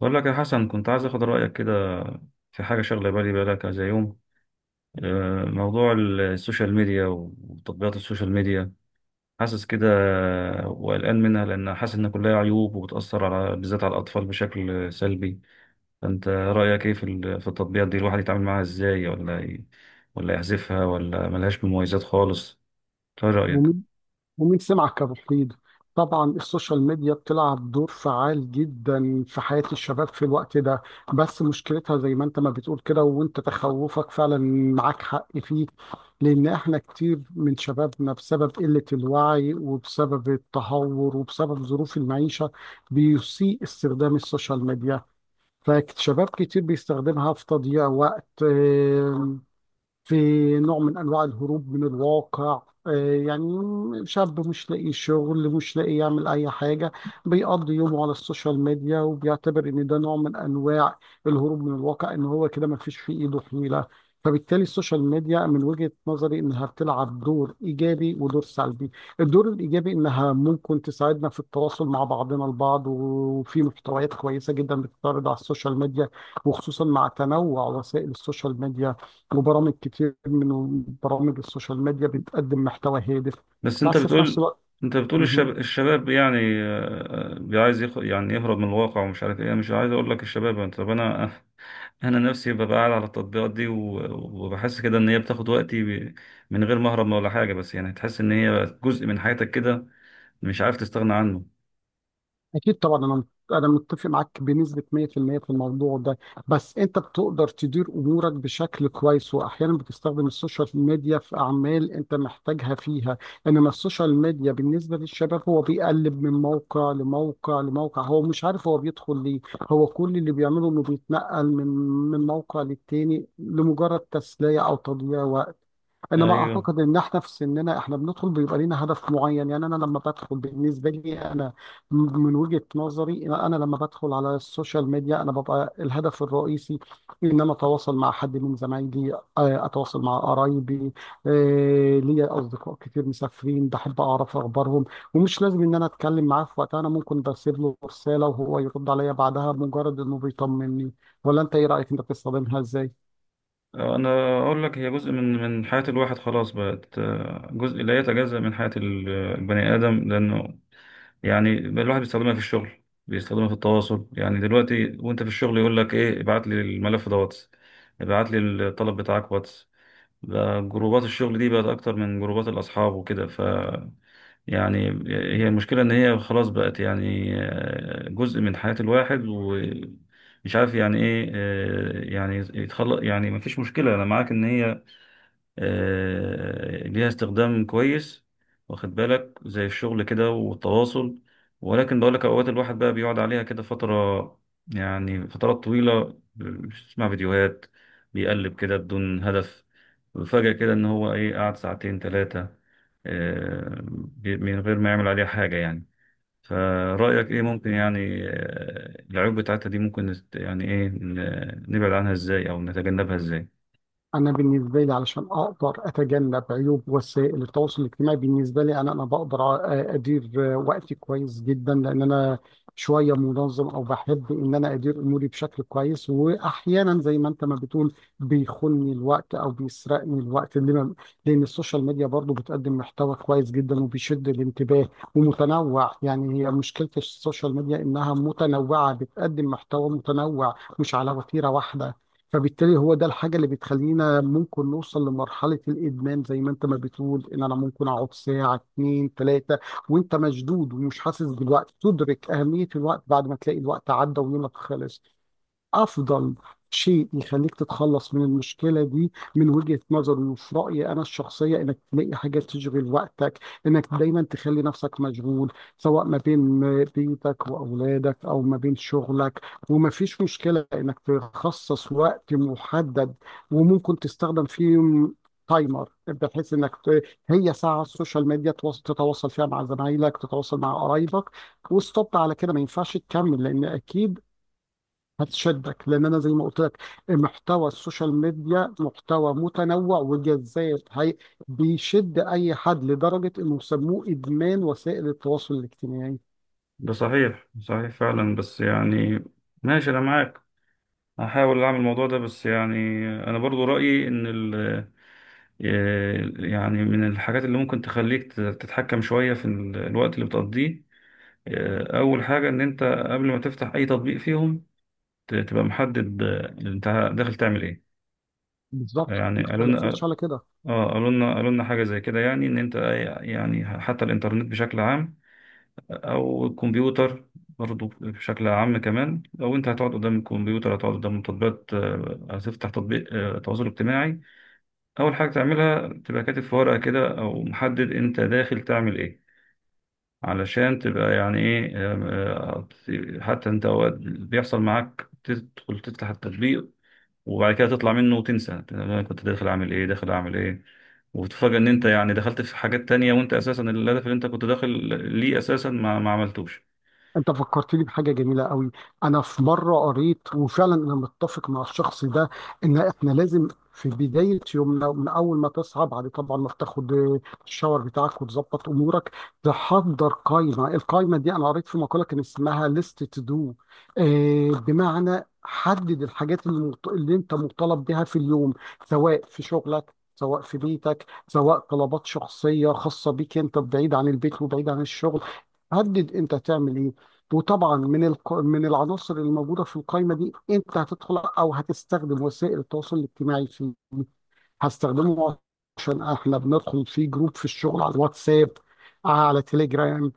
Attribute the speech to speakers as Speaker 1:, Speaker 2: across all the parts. Speaker 1: بقول لك يا حسن، كنت عايز اخد رايك كده في حاجه شغله بالي بقالها كذا يوم. موضوع السوشيال ميديا وتطبيقات السوشيال ميديا. حاسس كده وقلقان منها، لان حاسس ان كلها عيوب وبتاثر، على بالذات على الاطفال، بشكل سلبي. فانت رايك ايه في التطبيقات دي؟ الواحد يتعامل معاها ازاي؟ ولا يحذفها؟ ولا ملهاش مميزات خالص؟ ايه رايك؟
Speaker 2: ومين ومين سمعك كمفيد. طبعا السوشيال ميديا بتلعب دور فعال جدا في حياة الشباب في الوقت ده، بس مشكلتها زي ما انت ما بتقول كده، وانت تخوفك فعلا معاك حق فيه، لان احنا كتير من شبابنا بسبب قلة الوعي وبسبب التهور وبسبب ظروف المعيشة بيسيء استخدام السوشيال ميديا. فشباب كتير بيستخدمها في تضييع وقت، في نوع من أنواع الهروب من الواقع. يعني شاب مش لاقي شغل، مش لاقي يعمل أي حاجة، بيقضي يومه على السوشيال ميديا، وبيعتبر إن ده نوع من أنواع الهروب من الواقع، إن هو كده ما فيش في إيده حيلة. فبالتالي السوشيال ميديا من وجهة نظري إنها بتلعب دور إيجابي ودور سلبي. الدور الإيجابي إنها ممكن تساعدنا في التواصل مع بعضنا البعض، وفي محتويات كويسة جدا بتتعرض على السوشيال ميديا، وخصوصا مع تنوع وسائل السوشيال ميديا، وبرامج كتير من برامج السوشيال ميديا بتقدم محتوى هادف.
Speaker 1: بس انت
Speaker 2: بس في نفس
Speaker 1: بتقول
Speaker 2: الوقت
Speaker 1: انت بتقول
Speaker 2: مهم.
Speaker 1: الشباب يعني يعني يهرب من الواقع ومش عارف ايه. مش عايز اقول لك الشباب، طب انا انا نفسي ببقى قاعد على التطبيقات دي وبحس كده ان هي بتاخد وقتي. من غير ما اهرب ولا حاجه، بس يعني تحس ان هي بقت جزء من حياتك كده، مش عارف تستغنى عنه.
Speaker 2: أكيد طبعا. أنا متفق معاك بنسبة 100% في المية في الموضوع ده. بس أنت بتقدر تدير أمورك بشكل كويس، وأحيانا بتستخدم السوشيال ميديا في أعمال أنت محتاجها فيها. إنما السوشيال ميديا بالنسبة للشباب، هو بيقلب من موقع لموقع لموقع، هو مش عارف هو بيدخل ليه. هو كل اللي بيعمله إنه بيتنقل من موقع للتاني لمجرد تسلية أو تضييع وقت. انما
Speaker 1: ايوه،
Speaker 2: اعتقد ان احنا في سننا، احنا بندخل بيبقى لينا هدف معين. يعني انا لما بدخل، بالنسبه لي انا، من وجهه نظري انا لما بدخل على السوشيال ميديا، انا ببقى الهدف الرئيسي ان انا اتواصل مع حد من زمايلي، اتواصل مع قرايبي. ليا اصدقاء كتير مسافرين، بحب اعرف اخبارهم، ومش لازم ان انا اتكلم معاه في وقتها. انا ممكن بسيب له رساله وهو يرد عليا بعدها، مجرد انه بيطمني. ولا انت ايه رايك؟ انت بتستخدمها ازاي؟
Speaker 1: انا اقول لك، هي جزء من حياه الواحد، خلاص بقت جزء لا يتجزأ من حياه البني ادم. لانه يعني الواحد بيستخدمها في الشغل، بيستخدمها في التواصل. يعني دلوقتي وانت في الشغل يقول لك ايه، ابعت لي الملف ده واتس، ابعت لي الطلب بتاعك واتس. بقى جروبات الشغل دي بقت اكتر من جروبات الاصحاب وكده. ف يعني هي المشكلة ان هي خلاص بقت، يعني جزء من حياة الواحد، ومش عارف يعني ايه يعني يتخلق. يعني مفيش مشكلة، انا معاك ان هي ليها استخدام كويس، واخد بالك، زي الشغل كده والتواصل. ولكن بقول لك، اوقات الواحد بقى بيقعد عليها كده فترة، يعني فترات طويلة، بيسمع فيديوهات، بيقلب كده بدون هدف، وفجأة كده ان هو ايه، قعد ساعتين ثلاثة من غير ما يعمل عليها حاجة يعني. فرأيك ايه، ممكن يعني العيوب بتاعتها دي ممكن يعني ايه، نبعد عنها ازاي او نتجنبها ازاي؟
Speaker 2: انا بالنسبه لي، علشان اقدر اتجنب عيوب وسائل التواصل الاجتماعي، بالنسبه لي انا بقدر ادير وقتي كويس جدا، لان انا شويه منظم، او بحب ان انا ادير اموري بشكل كويس. واحيانا زي ما انت ما بتقول، بيخوني الوقت او بيسرقني الوقت، لان السوشيال ميديا برضو بتقدم محتوى كويس جدا وبيشد الانتباه ومتنوع. يعني هي مشكله السوشيال ميديا انها متنوعه، بتقدم محتوى متنوع مش على وتيره واحده. فبالتالي هو ده الحاجة اللي بتخلينا ممكن نوصل لمرحلة الإدمان، زي ما أنت ما بتقول، إن أنا ممكن أقعد ساعة اتنين تلاتة وأنت مشدود ومش حاسس بالوقت، تدرك أهمية الوقت بعد ما تلاقي الوقت عدى ويومك خلص. افضل شيء يخليك تتخلص من المشكله دي من وجهه نظري وفي رايي انا الشخصيه، انك تلاقي حاجه تشغل وقتك، انك دايما تخلي نفسك مشغول، سواء ما بين بيتك واولادك او ما بين شغلك. وما فيش مشكله انك تخصص وقت محدد، وممكن تستخدم فيه تايمر، بحيث انك هي ساعه على السوشيال ميديا تتواصل فيها مع زمايلك، تتواصل مع قرايبك، وستوب على كده. ما ينفعش تكمل، لان اكيد هتشدك، لان انا زي ما قلت لك محتوى السوشيال ميديا محتوى متنوع وجذاب. هي بيشد اي حد لدرجه انه سموه ادمان وسائل التواصل الاجتماعي.
Speaker 1: ده صحيح، صحيح فعلا. بس يعني ماشي، انا معاك، هحاول اعمل الموضوع ده. بس يعني انا برضو رأيي ان ال آه، يعني من الحاجات اللي ممكن تخليك تتحكم شوية الوقت اللي بتقضيه، اول حاجة، ان انت قبل ما تفتح اي تطبيق فيهم، تبقى محدد، انت داخل تعمل ايه.
Speaker 2: بالظبط، ما
Speaker 1: يعني قالوا لنا
Speaker 2: اختلفناش على كده.
Speaker 1: قالوا لنا حاجة زي كده، يعني ان انت، يعني حتى الانترنت بشكل عام، او الكمبيوتر برضو بشكل عام كمان، لو انت هتقعد قدام الكمبيوتر، هتقعد قدام تطبيقات، هتفتح تطبيق تواصل اجتماعي، اول حاجه تعملها تبقى كاتب في ورقه كده، او محدد انت داخل تعمل ايه، علشان تبقى يعني ايه حتى انت اوقات بيحصل معاك تدخل تفتح التطبيق، وبعد كده تطلع منه وتنسى انا كنت داخل اعمل ايه، داخل اعمل ايه، وتتفاجأ ان انت يعني دخلت في حاجات تانية، وانت اساسا الهدف اللي انت كنت داخل ليه اساسا ما عملتوش.
Speaker 2: انت فكرتني بحاجه جميله قوي. انا في مره قريت، وفعلا انا متفق مع الشخص ده، ان احنا لازم في بدايه يومنا، من اول ما تصحى، بعد طبعا ما تاخد الشاور بتاعك وتظبط امورك، تحضر قائمه. القائمه دي انا قريت في مقاله كان اسمها ليست تو دو، بمعنى حدد الحاجات اللي اللي انت مطالب بها في اليوم، سواء في شغلك، سواء في بيتك، سواء طلبات شخصيه خاصه بيك انت، بعيد عن البيت وبعيد عن الشغل. حدد انت تعمل ايه. وطبعا من من العناصر الموجوده في القائمه دي، انت هتدخل او هتستخدم وسائل التواصل الاجتماعي فيه. هستخدمه عشان احنا بندخل في جروب في الشغل على الواتساب، على تليجرام،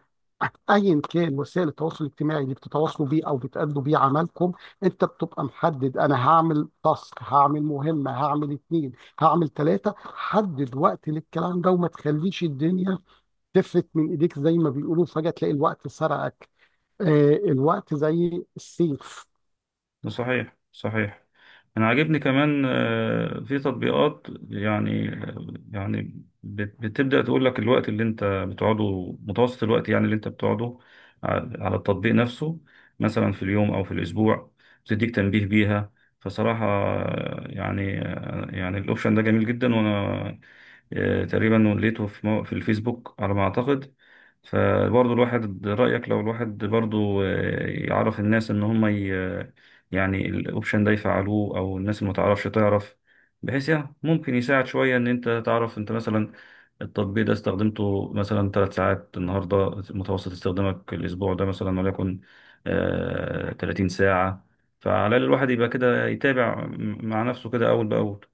Speaker 2: ايا كان وسائل التواصل الاجتماعي اللي بتتواصلوا بيه او بتأدوا بيه عملكم. انت بتبقى محدد، انا هعمل تاسك، هعمل مهمه، هعمل اتنين، هعمل تلاته. حدد وقت للكلام ده، وما تخليش الدنيا تفلت من ايديك، زي ما بيقولوا فجاه تلاقي الوقت سرقك. الوقت زي السيف.
Speaker 1: صحيح، صحيح. انا عاجبني كمان في تطبيقات، يعني بتبدأ تقول لك الوقت اللي انت بتقعده، متوسط الوقت يعني اللي انت بتقعده ع- على التطبيق نفسه، مثلا في اليوم او في الاسبوع، بتديك تنبيه بيها. فصراحة يعني يعني الاوبشن ده جميل جدا، وانا تقريبا لقيته في الفيسبوك على ما اعتقد. فبرضه الواحد، رأيك لو الواحد برضه يعرف الناس ان هم يعني الاوبشن ده يفعلوه، او الناس اللي متعرفش تعرف، بحيث يعني ممكن يساعد شوية، ان انت تعرف انت، مثلا التطبيق ده استخدمته مثلا 3 ساعات النهاردة، متوسط استخدامك الاسبوع ده مثلا وليكن 30 ساعة. فعلى الاقل الواحد يبقى كده يتابع مع نفسه كده اول باول.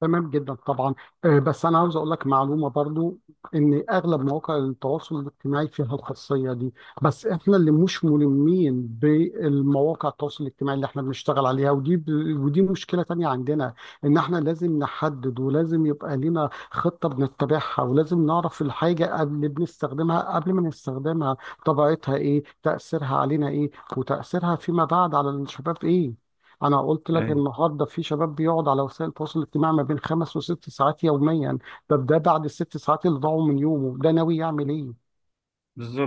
Speaker 2: تمام جدا طبعا. بس انا عاوز اقول لك معلومه برضو، ان اغلب مواقع التواصل الاجتماعي فيها الخاصيه دي، بس احنا اللي مش ملمين بالمواقع التواصل الاجتماعي اللي احنا بنشتغل عليها، ودي مشكله تانية عندنا، ان احنا لازم نحدد، ولازم يبقى لنا خطه بنتبعها، ولازم نعرف الحاجه اللي بنستخدمها قبل ما نستخدمها طبيعتها ايه، تاثيرها علينا ايه، وتاثيرها فيما بعد على الشباب ايه. انا قلت لك
Speaker 1: ايوه.
Speaker 2: النهارده في شباب بيقعد على وسائل التواصل الاجتماعي ما بين خمس وست ساعات يوميا. طب ده بعد الست ساعات اللي ضاعوا من يومه ده، ناوي يعمل ايه؟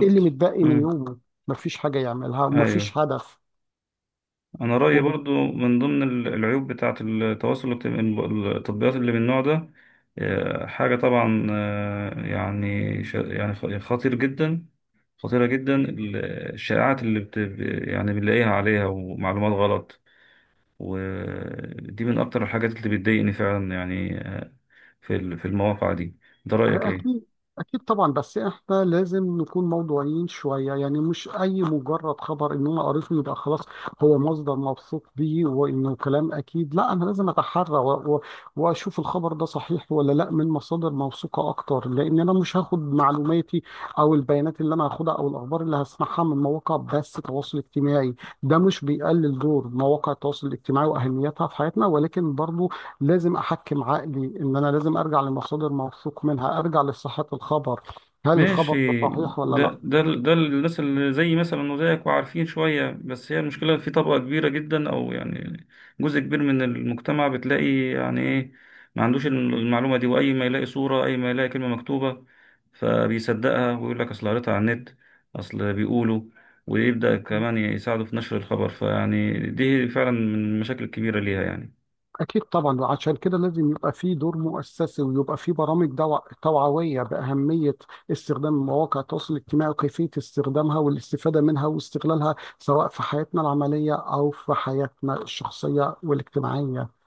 Speaker 2: ايه اللي متبقي من
Speaker 1: امم.
Speaker 2: يومه؟ مفيش حاجه يعملها
Speaker 1: ايوه.
Speaker 2: ومفيش هدف.
Speaker 1: انا رايي برضو، من ضمن العيوب بتاعه التواصل الاجتماعي، التطبيقات اللي من النوع ده، حاجه طبعا يعني يعني يعني خطير جدا، خطيره جدا، الشائعات اللي يعني بنلاقيها عليها، ومعلومات غلط. ودي من اكتر الحاجات اللي بتضايقني فعلا، يعني في المواقع دي. ده رايك ايه؟
Speaker 2: أكيد. أكيد طبعا. بس إحنا لازم نكون موضوعيين شوية. يعني مش أي مجرد خبر إن أنا قريته يبقى خلاص هو مصدر موثوق بيه وإنه كلام أكيد. لا، أنا لازم أتحرى وأشوف الخبر ده صحيح ولا لا من مصادر موثوقة أكتر، لأن أنا مش هاخد معلوماتي أو البيانات اللي أنا هاخدها أو الأخبار اللي هسمعها من مواقع بس تواصل اجتماعي. ده مش بيقلل دور مواقع التواصل الاجتماعي وأهميتها في حياتنا، ولكن برضو لازم احكم عقلي ان انا لازم ارجع لمصادر موثوق منها، ارجع لصحة الخبر، هل الخبر ده
Speaker 1: ماشي.
Speaker 2: صحيح ولا
Speaker 1: ده
Speaker 2: لا.
Speaker 1: ده ده الناس اللي زي مثلا، وزيك، وعارفين شوية. بس هي المشكلة في طبقة كبيرة جدا، أو يعني جزء كبير من المجتمع، بتلاقي يعني إيه، ما عندوش المعلومة دي، وأي ما يلاقي صورة، أي ما يلاقي كلمة مكتوبة، فبيصدقها، ويقول لك أصل قريتها على النت، أصل بيقولوا، ويبدأ كمان يساعده في نشر الخبر. فيعني دي فعلا من المشاكل الكبيرة ليها يعني.
Speaker 2: اكيد طبعا. وعشان كده لازم يبقى في دور مؤسسي، ويبقى في برامج توعوية بأهمية استخدام مواقع التواصل الاجتماعي، وكيفية استخدامها والاستفادة منها واستغلالها، سواء في حياتنا العملية او في حياتنا الشخصية والاجتماعية.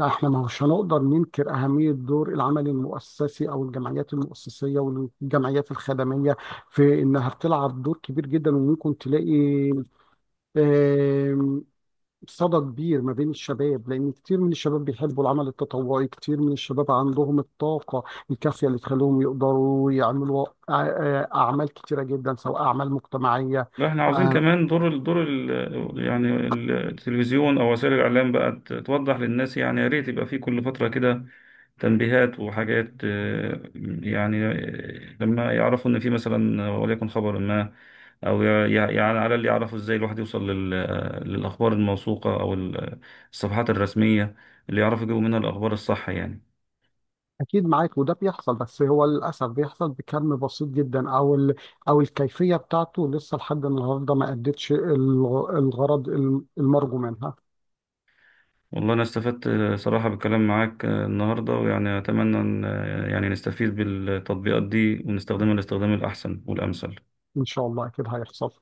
Speaker 2: احنا ما هوش هنقدر ننكر أهمية دور العمل المؤسسي أو الجمعيات المؤسسية والجمعيات الخدمية، في إنها بتلعب دور كبير جدا، وممكن تلاقي آم، صدى كبير ما بين الشباب، لأن كتير من الشباب بيحبوا العمل التطوعي، كتير من الشباب عندهم الطاقة الكافية اللي تخليهم يقدروا يعملوا أعمال كتيرة جدا، سواء أعمال مجتمعية.
Speaker 1: لا، احنا عاوزين كمان دور ال يعني التلفزيون او وسائل الاعلام بقى، توضح للناس. يعني يا ريت يبقى في كل فتره كده تنبيهات وحاجات، يعني لما يعرفوا ان في مثلا وليكن خبر ما، او يعني على، اللي يعرفوا ازاي الواحد يوصل للاخبار الموثوقه، او الصفحات الرسميه، اللي يعرفوا يجيبوا منها الاخبار الصح يعني.
Speaker 2: أكيد معاك، وده بيحصل، بس هو للأسف بيحصل بكم بسيط جدا، أو أو الكيفية بتاعته لسه لحد النهاردة ما أدتش الغرض المرجو منها.
Speaker 1: والله أنا استفدت صراحة بالكلام معاك النهاردة، ويعني أتمنى أن يعني نستفيد بالتطبيقات دي ونستخدمها للاستخدام الأحسن والأمثل.
Speaker 2: إن شاء الله أكيد هيحصل.